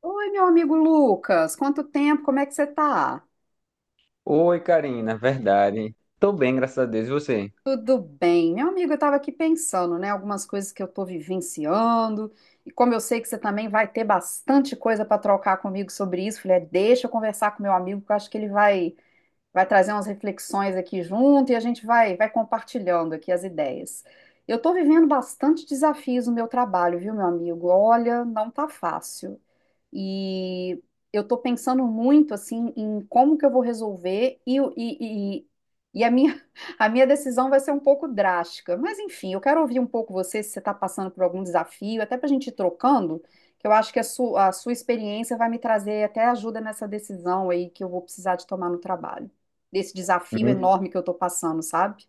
Oi, meu amigo Lucas, quanto tempo, como é que você tá? Oi, Karina, verdade. Tô bem, graças a Deus. E você? Tudo bem, meu amigo, eu estava aqui pensando, né, algumas coisas que eu estou vivenciando, e como eu sei que você também vai ter bastante coisa para trocar comigo sobre isso, falei, é, deixa eu conversar com meu amigo, que eu acho que ele vai, vai trazer umas reflexões aqui junto e a gente vai, vai compartilhando aqui as ideias. Eu estou vivendo bastante desafios no meu trabalho, viu, meu amigo? Olha, não tá fácil. E eu estou pensando muito assim em como que eu vou resolver e a minha, a minha decisão vai ser um pouco drástica. Mas enfim, eu quero ouvir um pouco você se você está passando por algum desafio, até para a gente ir trocando, que eu acho que a sua experiência vai me trazer até ajuda nessa decisão aí que eu vou precisar de tomar no trabalho. Desse desafio Hum. enorme que eu estou passando, sabe?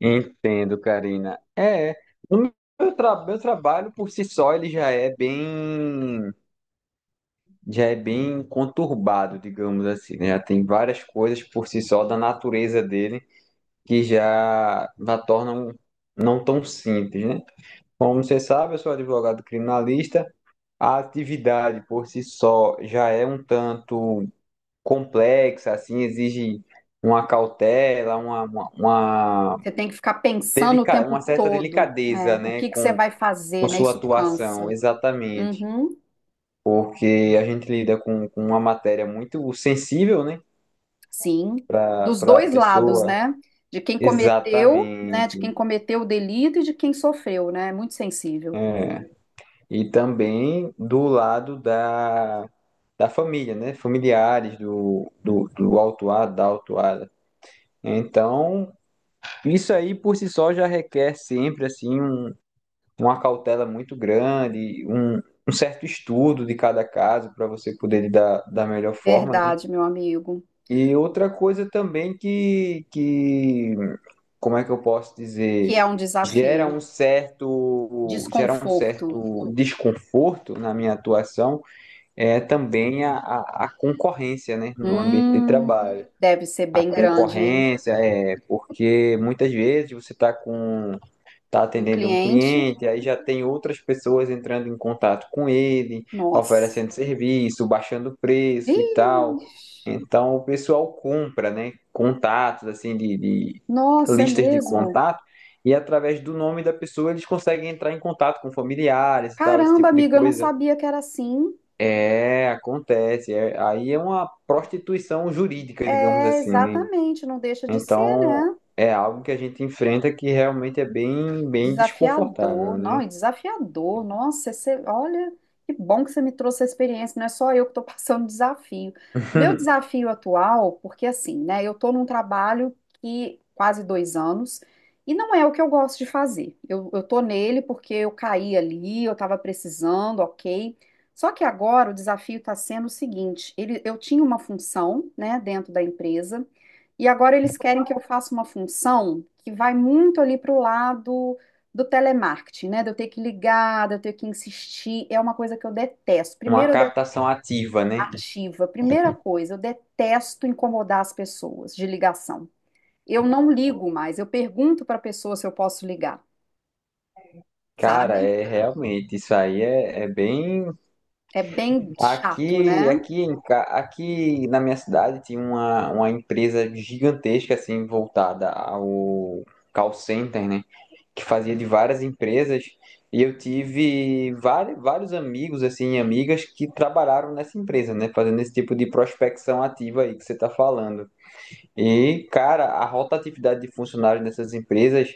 Entendo, Karina. O meu trabalho por si só ele já é bem conturbado, digamos assim, né? Já tem várias coisas por si só da natureza dele que já tornam não tão simples, né? Como você sabe, eu sou advogado criminalista. A atividade por si só já é um tanto complexa, assim, exige uma cautela, Você tem que ficar pensando o tempo uma certa todo, delicadeza, né? O né, que que você com, vai com fazer, né? sua Isso atuação, cansa. exatamente. Uhum. Porque a gente lida com uma matéria muito sensível, né, Sim, dos para a dois lados, pessoa. né? De quem cometeu, né? De Exatamente. quem cometeu o delito e de quem sofreu, né? É muito sensível. E também do lado da família, né? Familiares do autuado, da autuada. Então, isso aí por si só já requer sempre assim uma cautela muito grande, um certo estudo de cada caso para você poder lidar da melhor forma, né? Verdade, meu amigo. E outra coisa também que, como é que eu posso Que dizer, é um gera desafio. um certo, gera um Desconforto. certo desconforto na minha atuação é também a concorrência, né, no ambiente de Hum, trabalho. deve ser A bem grande, hein? concorrência é porque muitas vezes você está com está Um atendendo um cliente, cliente, aí já tem outras pessoas entrando em contato com ele, nossa. oferecendo serviço, baixando preço e tal. Vixe, Então o pessoal compra, né? Contatos, assim, de nossa, é listas de mesmo? contato, e através do nome da pessoa eles conseguem entrar em contato com familiares e tal, esse Caramba, tipo de amiga, eu não coisa. sabia que era assim. É, acontece. Aí é uma prostituição jurídica, digamos É, assim, né? exatamente, não deixa de ser, Então. né? É algo que a gente enfrenta que realmente é bem, bem desconfortável, Desafiador, não, né? e desafiador. Nossa, você, olha, que bom que você me trouxe a experiência. Não é só eu que estou passando desafio. O meu desafio atual, porque assim, né, eu estou num trabalho que quase 2 anos e não é o que eu gosto de fazer. Eu estou nele porque eu caí ali, eu estava precisando, ok. Só que agora o desafio está sendo o seguinte: ele, eu tinha uma função, né, dentro da empresa e agora eles querem que eu faça uma função que vai muito ali para o lado do telemarketing, né? De eu ter que ligar, de eu ter que insistir, é uma coisa que eu detesto. Uma Primeiro, eu detesto captação ativa, né? ativa. Primeira coisa, eu detesto incomodar as pessoas de ligação. Eu não ligo mais, eu pergunto para a pessoa se eu posso ligar, Cara, sabe? é realmente isso aí é bem. É bem chato, Aqui, né? aqui, em ca- aqui na minha cidade tinha uma empresa gigantesca assim voltada ao call center, né? Que fazia de várias empresas e eu tive vários, vários amigos assim, e amigas que trabalharam nessa empresa, né? Fazendo esse tipo de prospecção ativa aí que você tá falando. E, cara, a rotatividade de funcionários dessas empresas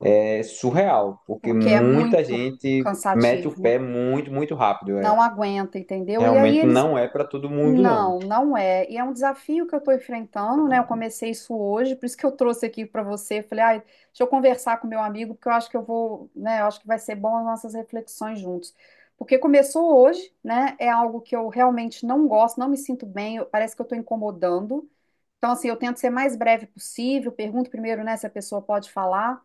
é surreal, porque Porque é muita muito gente mete o cansativo. pé muito, muito rápido. É. Não aguenta, entendeu? E aí Realmente eles. não é para todo mundo, não. Não, não é. E é um desafio que eu estou enfrentando, né? Eu comecei isso hoje, por isso que eu trouxe aqui para você. Falei, ai, deixa eu conversar com meu amigo, porque eu acho que eu vou, né? Eu acho que vai ser bom as nossas reflexões juntos. Porque começou hoje, né? É algo que eu realmente não gosto, não me sinto bem, eu- parece que eu estou incomodando. Então, assim, eu tento ser mais breve possível, pergunto primeiro, né, se a pessoa pode falar.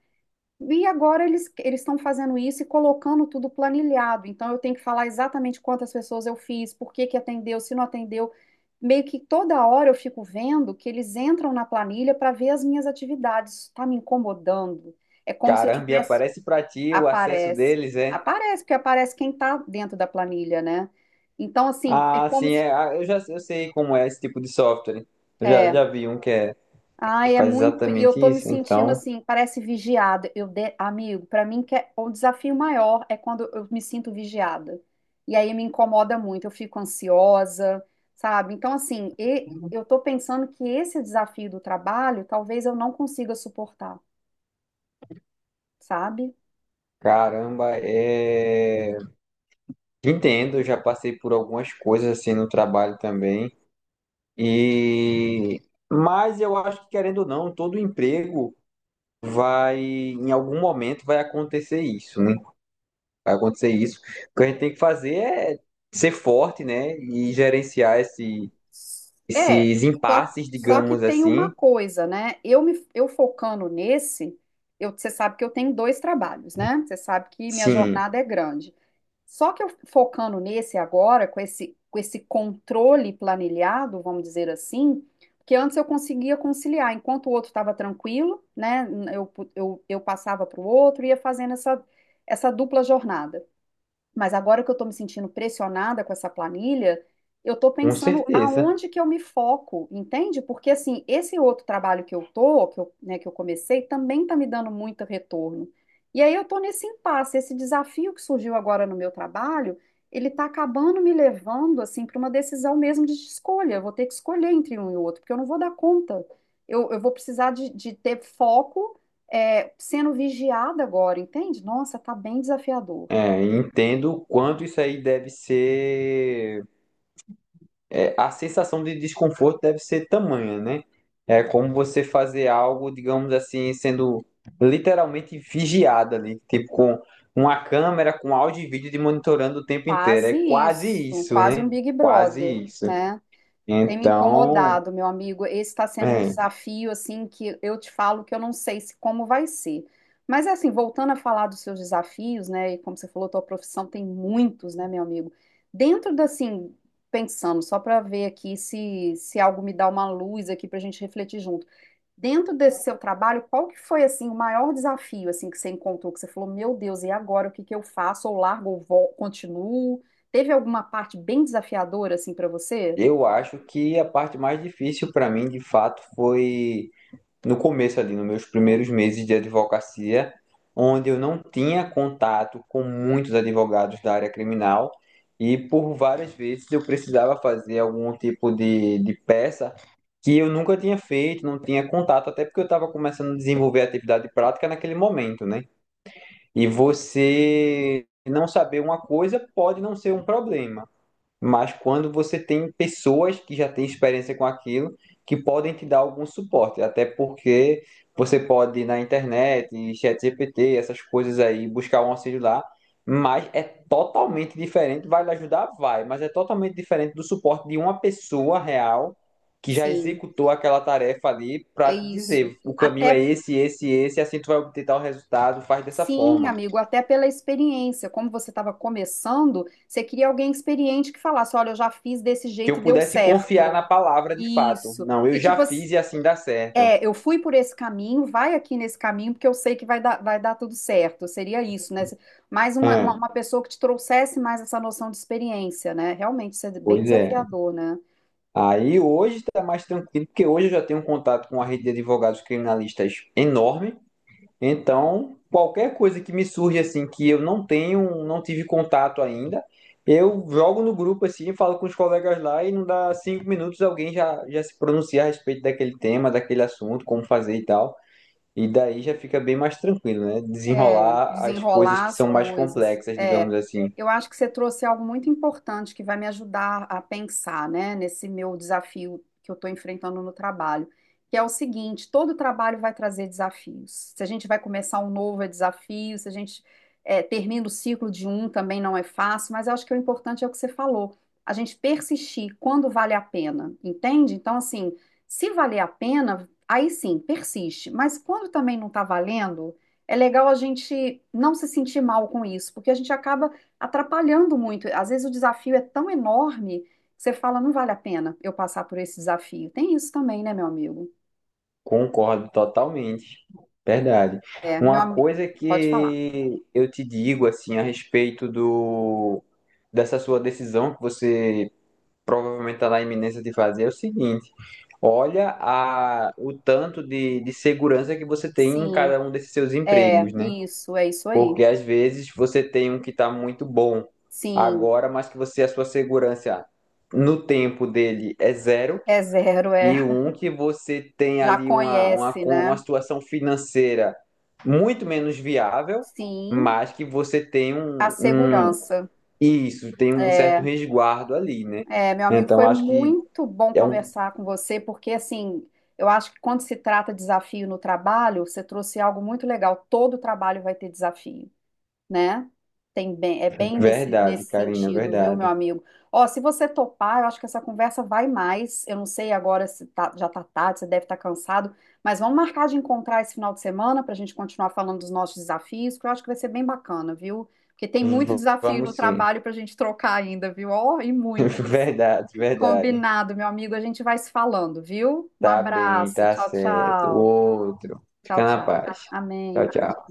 E agora eles estão fazendo isso e colocando tudo planilhado. Então eu tenho que falar exatamente quantas pessoas eu fiz, por que que atendeu, se não atendeu. Meio que toda hora eu fico vendo que eles entram na planilha para ver as minhas atividades. Isso está me incomodando. É como se eu Caramba, e tivesse. aparece para ti o acesso Aparece. deles, é? Aparece, porque aparece quem está dentro da planilha, né? Então, assim, é Ah, como sim, se. é. Ah, eu sei como é esse tipo de software. Eu já, É, já vi um que Ai, é faz muito. E eu exatamente tô me isso, sentindo então. assim, parece vigiada. Eu de- Amigo, pra mim que é o desafio maior é quando eu me sinto vigiada. E aí me incomoda muito, eu fico ansiosa, sabe? Então, assim, e- eu tô pensando que esse desafio do trabalho talvez eu não consiga suportar, sabe? Caramba, é. Entendo, eu já passei por algumas coisas assim no trabalho também. E mas eu acho que, querendo ou não, todo emprego vai, em algum momento vai acontecer isso, né? Vai acontecer isso. O que a gente tem que fazer é ser forte, né? E gerenciar É, esses só, impasses, só que digamos tem assim. uma coisa, né? Eu me eu focando nesse, eu, você sabe que eu tenho dois trabalhos, né? Você sabe que minha Sim, jornada é grande. Só que eu focando nesse agora, com esse controle planilhado, vamos dizer assim, que antes eu conseguia conciliar, enquanto o outro estava tranquilo, né? Eu passava para o outro e ia fazendo essa dupla jornada. Mas agora que eu estou me sentindo pressionada com essa planilha, eu estou com pensando certeza. aonde que eu me foco, entende? Porque assim, esse outro trabalho que eu tô, que eu, né, que eu comecei, também está me dando muito retorno. E aí eu estou nesse impasse, esse desafio que surgiu agora no meu trabalho, ele está acabando me levando assim para uma decisão mesmo de escolha. Eu vou ter que escolher entre um e outro, porque eu não vou dar conta. Eu vou precisar de ter foco, é, sendo vigiada agora, entende? Nossa, tá bem desafiador. É, entendo o quanto isso aí deve ser a sensação de desconforto deve ser tamanha, né? É como você fazer algo, digamos assim, sendo literalmente vigiado ali, tipo com uma câmera com áudio e vídeo de monitorando o tempo inteiro. É Quase quase isso, isso, quase né? um Big Quase Brother, isso. né? Tem me Então, incomodado, meu amigo. Esse está sendo um é, desafio, assim, que eu te falo que eu não sei se como vai ser. Mas, assim, voltando a falar dos seus desafios, né? E como você falou, tua profissão tem muitos, né, meu amigo? Dentro da, assim, pensando, só para ver aqui se, se algo me dá uma luz aqui para a gente refletir junto. Dentro desse seu trabalho, qual que foi assim o maior desafio assim que você encontrou que você falou, meu Deus, e agora o que que eu faço? Ou largo ou vol- continuo? Teve alguma parte bem desafiadora assim para você? eu acho que a parte mais difícil para mim, de fato, foi no começo ali, nos meus primeiros meses de advocacia, onde eu não tinha contato com muitos advogados da área criminal e por várias vezes eu precisava fazer algum tipo de peça que eu nunca tinha feito, não tinha contato, até porque eu estava começando a desenvolver atividade prática naquele momento, né? E você não saber uma coisa pode não ser um problema, mas quando você tem pessoas que já têm experiência com aquilo, que podem te dar algum suporte, até porque você pode ir na internet, em ChatGPT, essas coisas aí, buscar um auxílio lá, mas é totalmente diferente. Vai lhe ajudar? Vai, mas é totalmente diferente do suporte de uma pessoa real que já Sim, executou aquela tarefa ali para é te isso. dizer, o caminho é Até esse, esse, esse, assim tu vai obter tal resultado, faz dessa sim, forma. amigo, até pela experiência, como você estava começando, você queria alguém experiente que falasse, olha, eu já fiz desse Que jeito eu e deu pudesse confiar na certo. palavra de fato. Isso. Não, eu E já tipo fiz assim, e assim dá certo. é, eu fui por esse caminho, vai aqui nesse caminho, porque eu sei que vai dar tudo certo. Seria isso, né? Mais É, uma pessoa que te trouxesse mais essa noção de experiência, né? Realmente, isso é bem pois é. desafiador, né? Aí hoje está mais tranquilo, porque hoje eu já tenho um contato com a rede de advogados criminalistas enorme. Então, qualquer coisa que me surge assim que eu não tenho, não tive contato ainda, eu jogo no grupo assim, falo com os colegas lá e não dá 5 minutos alguém já se pronuncia a respeito daquele tema, daquele assunto, como fazer e tal. E daí já fica bem mais tranquilo, né? É, Desenrolar as coisas desenrolar que as são mais coisas. complexas, digamos É, assim. eu acho que você trouxe algo muito importante que vai me ajudar a pensar, né, nesse meu desafio que eu estou enfrentando no trabalho, que é o seguinte: todo trabalho vai trazer desafios. Se a gente vai começar um novo, é desafio, se a gente é, termina o ciclo de um, também não é fácil, mas eu acho que o importante é o que você falou, a gente persistir quando vale a pena, entende? Então, assim, se valer a pena, aí sim, persiste, mas quando também não está valendo é legal a gente não se sentir mal com isso, porque a gente acaba atrapalhando muito. Às vezes o desafio é tão enorme que você fala, não vale a pena eu passar por esse desafio. Tem isso também, né, meu amigo? Concordo totalmente. Verdade. É, meu Uma amigo, coisa pode falar. que eu te digo assim a respeito do dessa sua decisão que você provavelmente está na iminência de fazer é o seguinte: olha o tanto de segurança que você tem em Sim, cada um desses seus empregos, né? É isso aí. Porque às vezes você tem um que está muito bom Sim, agora, mas que você a sua segurança no tempo dele é zero é zero, é. e um que você tem Já ali conhece, uma né? situação financeira muito menos viável, Sim, mas que você tem a um segurança. isso, tem um certo É, resguardo ali, né? é, meu amigo, Então foi acho que muito bom é um. conversar com você, porque assim, eu acho que quando se trata de desafio no trabalho, você trouxe algo muito legal. Todo trabalho vai ter desafio, né? Tem bem, é bem nesse, Verdade, nesse Karina, sentido, viu, meu verdade. amigo? Ó, se você topar, eu acho que essa conversa vai mais. Eu não sei agora se tá- já tá tarde, você deve estar cansado, mas vamos marcar de encontrar esse final de semana para a gente continuar falando dos nossos desafios, que eu acho que vai ser bem bacana, viu? Porque tem muito V- desafio no vamos sim. trabalho para a gente trocar ainda, viu? Ó, e muitos. Verdade, verdade. Combinado, meu amigo. A gente vai se falando, viu? Um Tá bem, abraço. tá Tchau, certo. tchau. Outro. Tchau, Fica na tchau. paz. Tchau, Amém. tchau.